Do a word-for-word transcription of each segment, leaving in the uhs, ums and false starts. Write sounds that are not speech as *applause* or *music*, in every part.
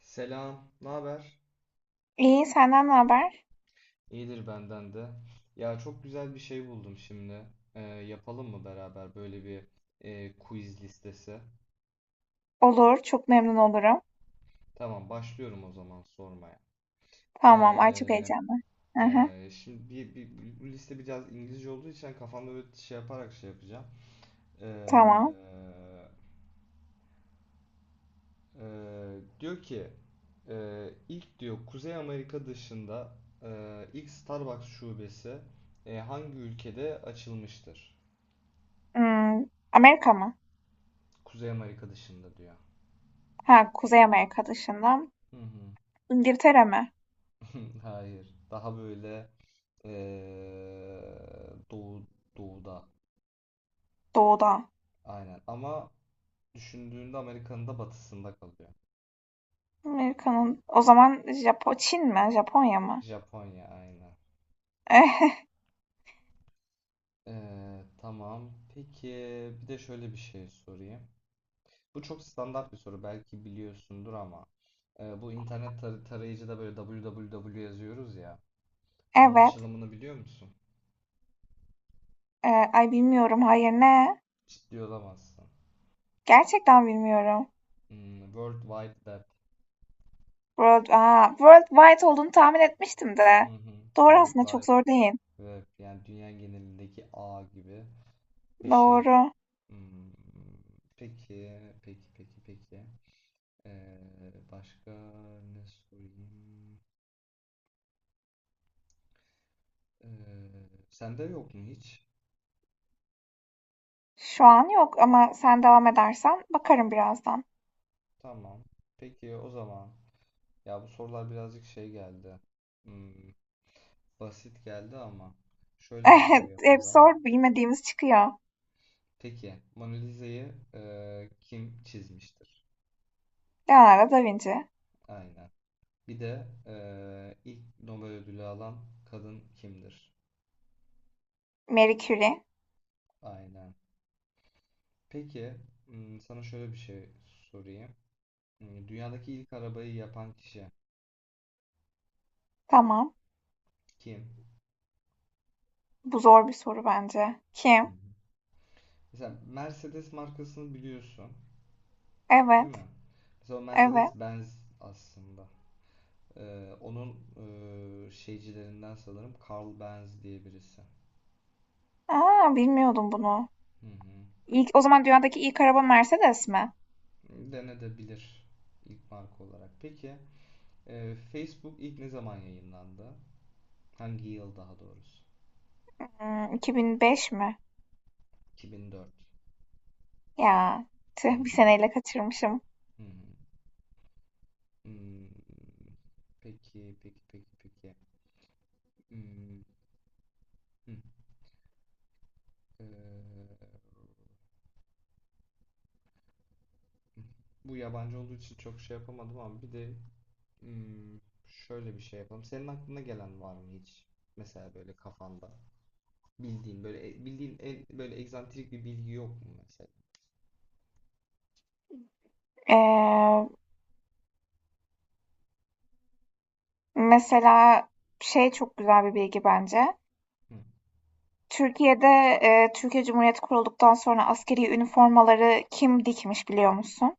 Selam, ne haber? İyi, senden ne haber? İyidir benden de. Ya çok güzel bir şey buldum şimdi. Ee, yapalım mı beraber böyle bir e, quiz listesi? Olur, çok memnun olurum. Tamam, başlıyorum o zaman sormaya. Tamam, ay çok Ee, heyecanlı. Aha, e, Şimdi bir, bir- bir- bu liste biraz İngilizce olduğu için kafamda böyle şey yaparak şey yapacağım. tamam. Ee, e, Diyor ki e, ilk diyor Kuzey Amerika dışında e, ilk Starbucks şubesi e, hangi ülkede açılmıştır? Hmm, Amerika mı? Kuzey Amerika dışında diyor. Ha, Kuzey Amerika dışında. Hı hı. İngiltere mi? *laughs* Hayır. Daha böyle eee, doğu doğuda. Doğuda. Aynen. Ama düşündüğünde Amerika'nın da batısında kalıyor. Amerika'nın, o zaman Japo Çin mi? Japonya mı? Japonya aynen. *laughs* Eee, tamam. Peki bir de şöyle bir şey sorayım. Bu çok standart bir soru. Belki biliyorsundur ama eee, bu internet tar- tarayıcıda böyle www yazıyoruz ya. Onun Evet. açılımını biliyor musun? Ee, ay bilmiyorum, hayır ne? Ciddi olamazsın. Gerçekten bilmiyorum. Hmm, World Wide Web. World, aa, Worldwide olduğunu tahmin etmiştim Hı de. hı. Doğru World aslında, çok Wide zor değil. Ve yani dünya genelindeki ağ gibi bir şey. Doğru. Hmm, peki, peki, peki, peki. Ee, başka ne sorayım? Ee, Sende yok mu hiç? Şu an yok ama sen devam edersen bakarım birazdan. Tamam. Peki o zaman. Ya bu sorular birazcık şey geldi. Hmm, Basit geldi ama *laughs* şöyle bir şey Hep hep yapalım. zor bilmediğimiz çıkıyor. Peki, Mona Lisa'yı e, kim çizmiştir? Leonardo da Vinci. Aynen. Bir de e, ilk Nobel ödülü alan kadın kimdir? Marie Curie. Aynen. Peki, hmm, sana şöyle bir şey sorayım. Hmm, Dünyadaki ilk arabayı yapan kişi Tamam. kim? Bu zor bir soru bence. Hı Kim? hı. Mesela Mercedes markasını biliyorsun, değil Evet. mi? Mesela o Evet. Mercedes-Benz aslında. Ee, onun e, şeycilerinden sanırım Carl Benz diye birisi. Aa bilmiyordum bunu. Hı hı. İlk, o zaman dünyadaki ilk araba Mercedes mi? Denedebilir ilk marka olarak. Peki, e, Facebook ilk ne zaman yayınlandı? Hangi yıl daha doğrusu? Hmm, iki bin beş mi? iki bin dört. Ya Hı tüh, bir hı. seneyle kaçırmışım. Hı hı. Hmm, Peki, peki, peki, peki. Hmm, hı. Ee, Bu yabancı olduğu için çok şey yapamadım ama bir de hmm, şöyle bir şey yapalım. Senin aklına gelen var mı hiç? Mesela böyle kafanda bildiğin böyle e, bildiğin en, böyle egzantrik bir bilgi yok mu mesela? Ee, Mesela şey çok güzel bir bilgi bence. Hı. Türkiye'de e, Türkiye Cumhuriyeti kurulduktan sonra askeri üniformaları kim dikmiş biliyor musun?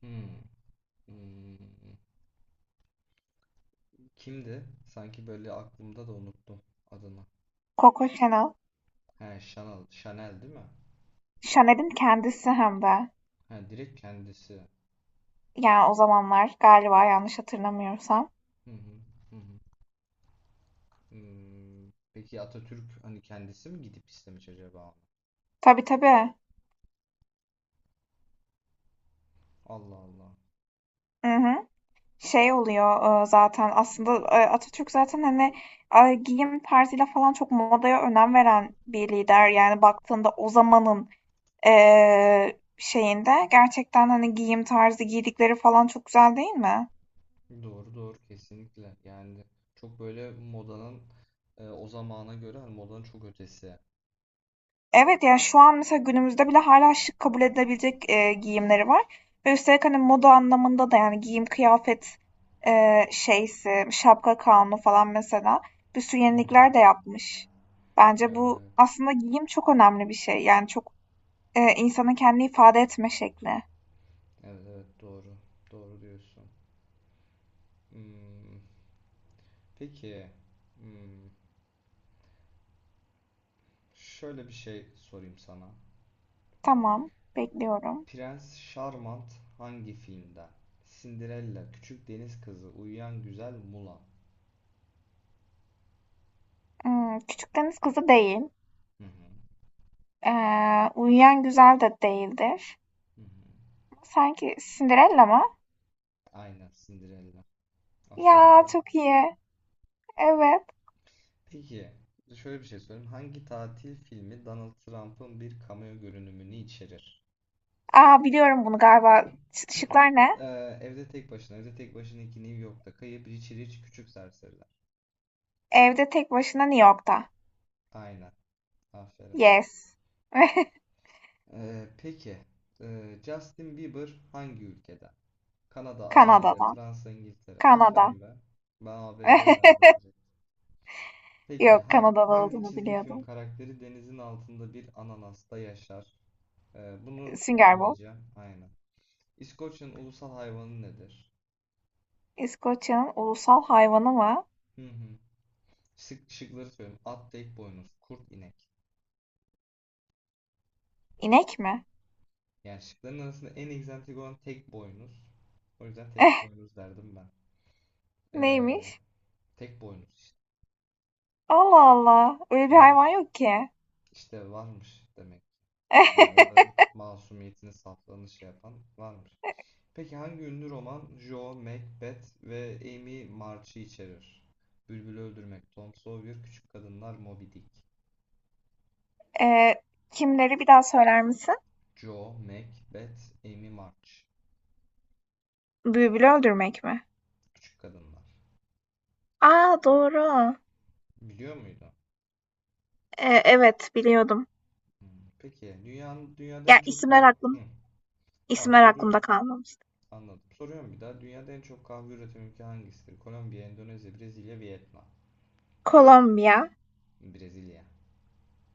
Hmm, hmm. Kimdi? Sanki böyle aklımda da unuttum adını. Coco Chanel. He, Chanel, Chanel değil mi? Şaner'in kendisi hem de. He, direkt kendisi. Yani o zamanlar galiba yanlış hatırlamıyorsam. Hı hı, hı hı. Hmm, Peki Atatürk hani kendisi mi gidip istemiş acaba? Tabii tabii. Allah Allah. Hı hı. Şey oluyor e, zaten aslında e, Atatürk zaten hani e, giyim tarzıyla falan çok modaya önem veren bir lider. Yani baktığında o zamanın e, şeyinde gerçekten hani giyim tarzı giydikleri falan çok güzel değil mi? Doğru doğru kesinlikle. Yani çok böyle modanın e, o zamana göre hani modanın çok ötesi. Evet, yani şu an mesela günümüzde bile hala şık kabul edilebilecek, eee, giyimleri var ve üstelik, hani, moda anlamında da, yani, giyim kıyafet, eee, şeysi, şapka kanunu falan mesela bir sürü Hı hı. yenilikler de yapmış. Bence Evet bu evet. aslında giyim çok önemli bir şey. Yani çok, eee, insanın kendini ifade etme şekli. Evet evet doğru. Doğru diyorsun. Hmm, Peki hmm, şöyle bir şey sorayım sana. Tamam, bekliyorum. Prens Charmant hangi filmde? Cinderella, Küçük Deniz Kızı, Uyuyan Güzel Mulan. Imm, Küçük Deniz Kızı değil. Hı hı. Eee, Uyuyan Güzel de değildir. Hı hı. Sanki Cinderella mı? Aynen Cinderella. Aferin Ya, be. çok iyi. Evet. Peki şöyle bir şey sorayım. Hangi tatil filmi Donald Trump'ın bir cameo görünümünü içerir? Aa biliyorum bunu galiba. Ş- Şıklar ne? Ee, Evde Tek Başına, Evde Tek Başına iki New York'ta Kayıp, Richie Rich, Küçük Serseriler. Evde tek başına New York'ta. Aynen. Aferin. Yes. *laughs* Ee, peki ee, Justin Bieber hangi ülkeden? Kanada, A B D, Kanada'da. Fransa, İngiltere. Kanada. Aferin be. Ben A B D derdim *laughs* direkt. Peki Yok, ha- Kanada'da hangi olduğunu çizgi film biliyordum. karakteri denizin altında bir ananasta yaşar? Ee, bunu Sünger Bob. okumayacağım. Aynen. İskoçya'nın ulusal hayvanı nedir? İskoçya'nın ulusal hayvanı mı? Hı hı. Şık, şıkları söyleyeyim. At tek boynuz, kurt inek. İnek mi? Yani şıkların arasında en egzantrik olan tek boynuz. O yüzden tek *laughs* boynuz derdim ben. Ee, Neymiş? Tek boynuz işte. Allah Allah. Öyle Hı bir hı. hayvan yok ki. İşte varmış demek. Yani onların *laughs* masumiyetini saflığını şey yapan varmış. Peki hangi ünlü roman Joe, Macbeth ve Amy March'ı içerir? Bülbülü Öldürmek, Tom Sawyer, Küçük Kadınlar, Moby Dick. Ee, Kimleri bir daha söyler misin? Joe, Macbeth, Amy March. Bülbülü öldürmek mi? Küçük Kadınlar. Aa doğru. Biliyor muydun? Ee, evet biliyordum. Peki dünyanın dünyada Ya en çok isimler kahve... aklım, Tamam isimler soruyorum. aklımda kalmamış. Anladım. Soruyorum bir daha. Dünyada en çok kahve üreten ülke hangisidir? Kolombiya, Endonezya, Brezilya, Vietnam. Kolombiya. Brezilya.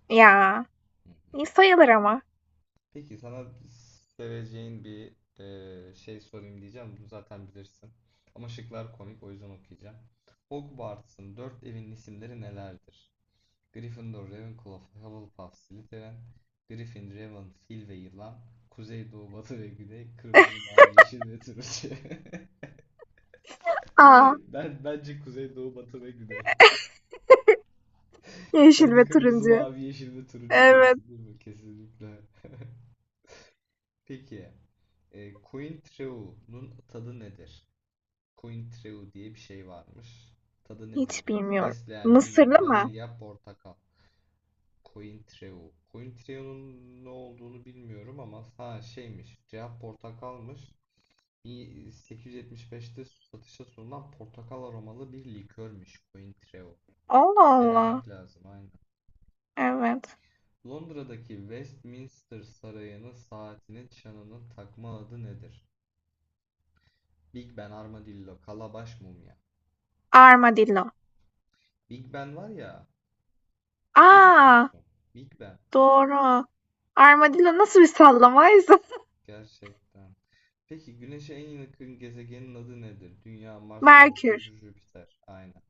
Ya, Hı. iyi sayılır ama. Peki sana seveceğin bir e, şey sorayım diyeceğim. Bunu zaten bilirsin. Ama şıklar komik o yüzden okuyacağım. Hogwarts'ın dört evin isimleri nelerdir? Gryffindor, Ravenclaw, Hufflepuff, Slytherin, Griffin, Raven, Fil ve Yılan, Kuzey, Doğu, Batı ve Güney, Kırmızı, Mavi, Yeşil ve Turuncu. *laughs* Aa, Ben bence kuzey, doğu, batı ve güney. yeşil Sen ve de kırmızı, turuncu. mavi, yeşil ve turuncu Evet. diyorsun değil mi? Kesinlikle. Peki, e, Cointreau'nun tadı nedir? Cointreau diye bir şey varmış. Tadı nedir Hiç diyor. bilmiyorum. Fesleğen, Mısırlı limon, mı? vanilya, portakal. Cointreau. Cointreau'nun ne olduğunu bilmiyorum ama ha şeymiş. Cevap portakalmış. bin sekiz yüz yetmiş beşte satışa sunulan portakal aromalı bir likörmüş Cointreau. Allah Allah. Denemek lazım aynı. Evet. Londra'daki Westminster Sarayı'nın saatinin çanının takma adı nedir? Big Ben Armadillo, Kalabaş Mumya. Armadillo. Big Ben var ya, bilmiyor Aa, musun? Big Ben. doğru. Armadillo nasıl bir sallamaydı? Gerçekten. Peki Güneş'e en yakın gezegenin adı nedir? Dünya, *laughs* Mars, Merkür. Merkür, Jüpiter. Aynen.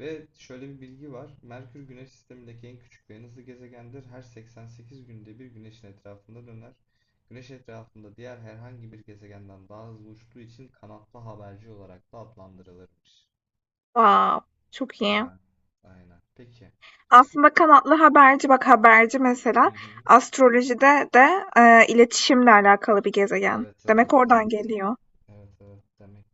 Ve şöyle bir bilgi var. Merkür Güneş sistemindeki en küçük ve en hızlı gezegendir. Her seksen sekiz günde bir Güneş'in etrafında döner. Güneş etrafında diğer herhangi bir gezegenden daha hızlı uçtuğu için kanatlı haberci olarak da adlandırılırmış. Wow, çok iyi. Ya, aynen. Peki. Aslında kanatlı haberci, bak haberci Hı mesela hı. astrolojide de e, iletişimle alakalı bir gezegen. Evet evet Demek oradan evet. geliyor. Evet evet demek.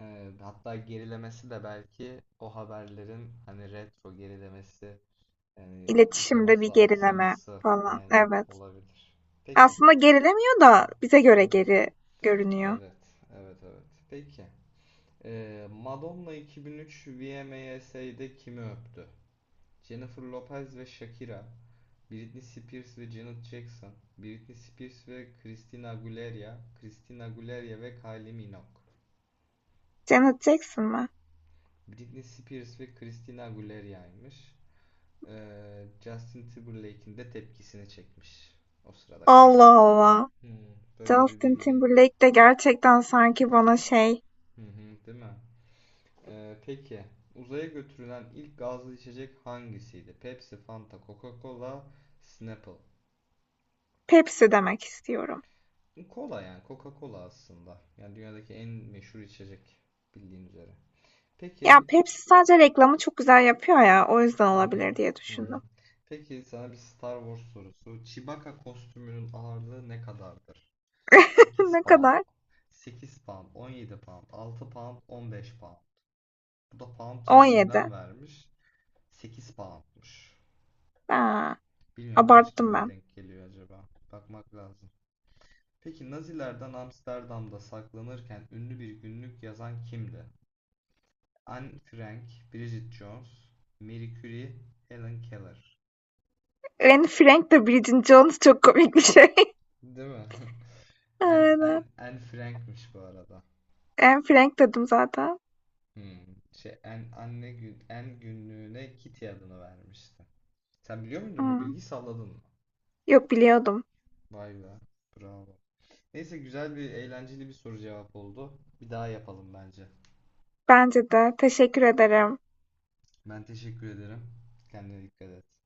Ee, hatta gerilemesi de belki o haberlerin hani retro gerilemesi yani İletişimde bir uzaması gerileme aksaması falan. aynen Evet. olabilir. Peki. Aslında gerilemiyor Hı da bize hı. göre geri görünüyor. Evet, evet, evet. Peki. Ee, Madonna iki bin üç V M A s'de kimi öptü? Jennifer Lopez ve Shakira, Britney Spears ve Janet Jackson, Britney Spears ve Christina Aguilera, Christina Aguilera ve Kylie Minogue. Janet Jackson mı? Britney Spears ve Christina Aguilera'ymış. Ee, Justin Timberlake'in de tepkisini çekmiş o sırada kamera. Allah Allah. Hmm, Böyle bir Justin bilgi. Timberlake de gerçekten sanki bana şey Hı hı, değil mi? Ee, peki uzaya götürülen ilk gazlı içecek hangisiydi? Pepsi, Fanta, Coca-Cola, Snapple. Pepsi demek istiyorum. Cola yani Coca-Cola aslında. Yani dünyadaki en meşhur içecek bildiğin üzere. Peki. Ya Pepsi sadece reklamı çok güzel yapıyor ya o yüzden Hı hı. olabilir diye Hı hı. düşündüm. Peki sana bir Star Wars sorusu. Chewbacca kostümünün ağırlığı ne kadardır? *laughs* 8 Ne pound. kadar? sekiz pound, on yedi pound, altı pound, on beş pound. Bu da pound on yedi. cinsinden vermiş. sekiz poundmuş. Ha, Bilmiyorum kaç abarttım kiloya ben. denk geliyor acaba. Bakmak lazım. Peki Nazilerden Amsterdam'da saklanırken ünlü bir günlük yazan kimdi? Anne Frank, Bridget Jones, Marie Curie, Helen Keller. Anne Frank de Bridget Jones çok komik bir şey. Değil mi? *laughs* *laughs* Anne, Anne, Aynen. Anne Frank'miş bu arada. Anne Frank dedim zaten. Hmm. Şey, Anne, anne gün, Anne günlüğüne Kitty adını vermişti. Sen biliyor muydun bu Hmm. bilgiyi salladın mı? Yok biliyordum. Vay be. Bravo. Neyse güzel bir eğlenceli bir soru cevap oldu. Bir daha yapalım bence. Bence de. Teşekkür ederim. Ben teşekkür ederim. Kendine dikkat et.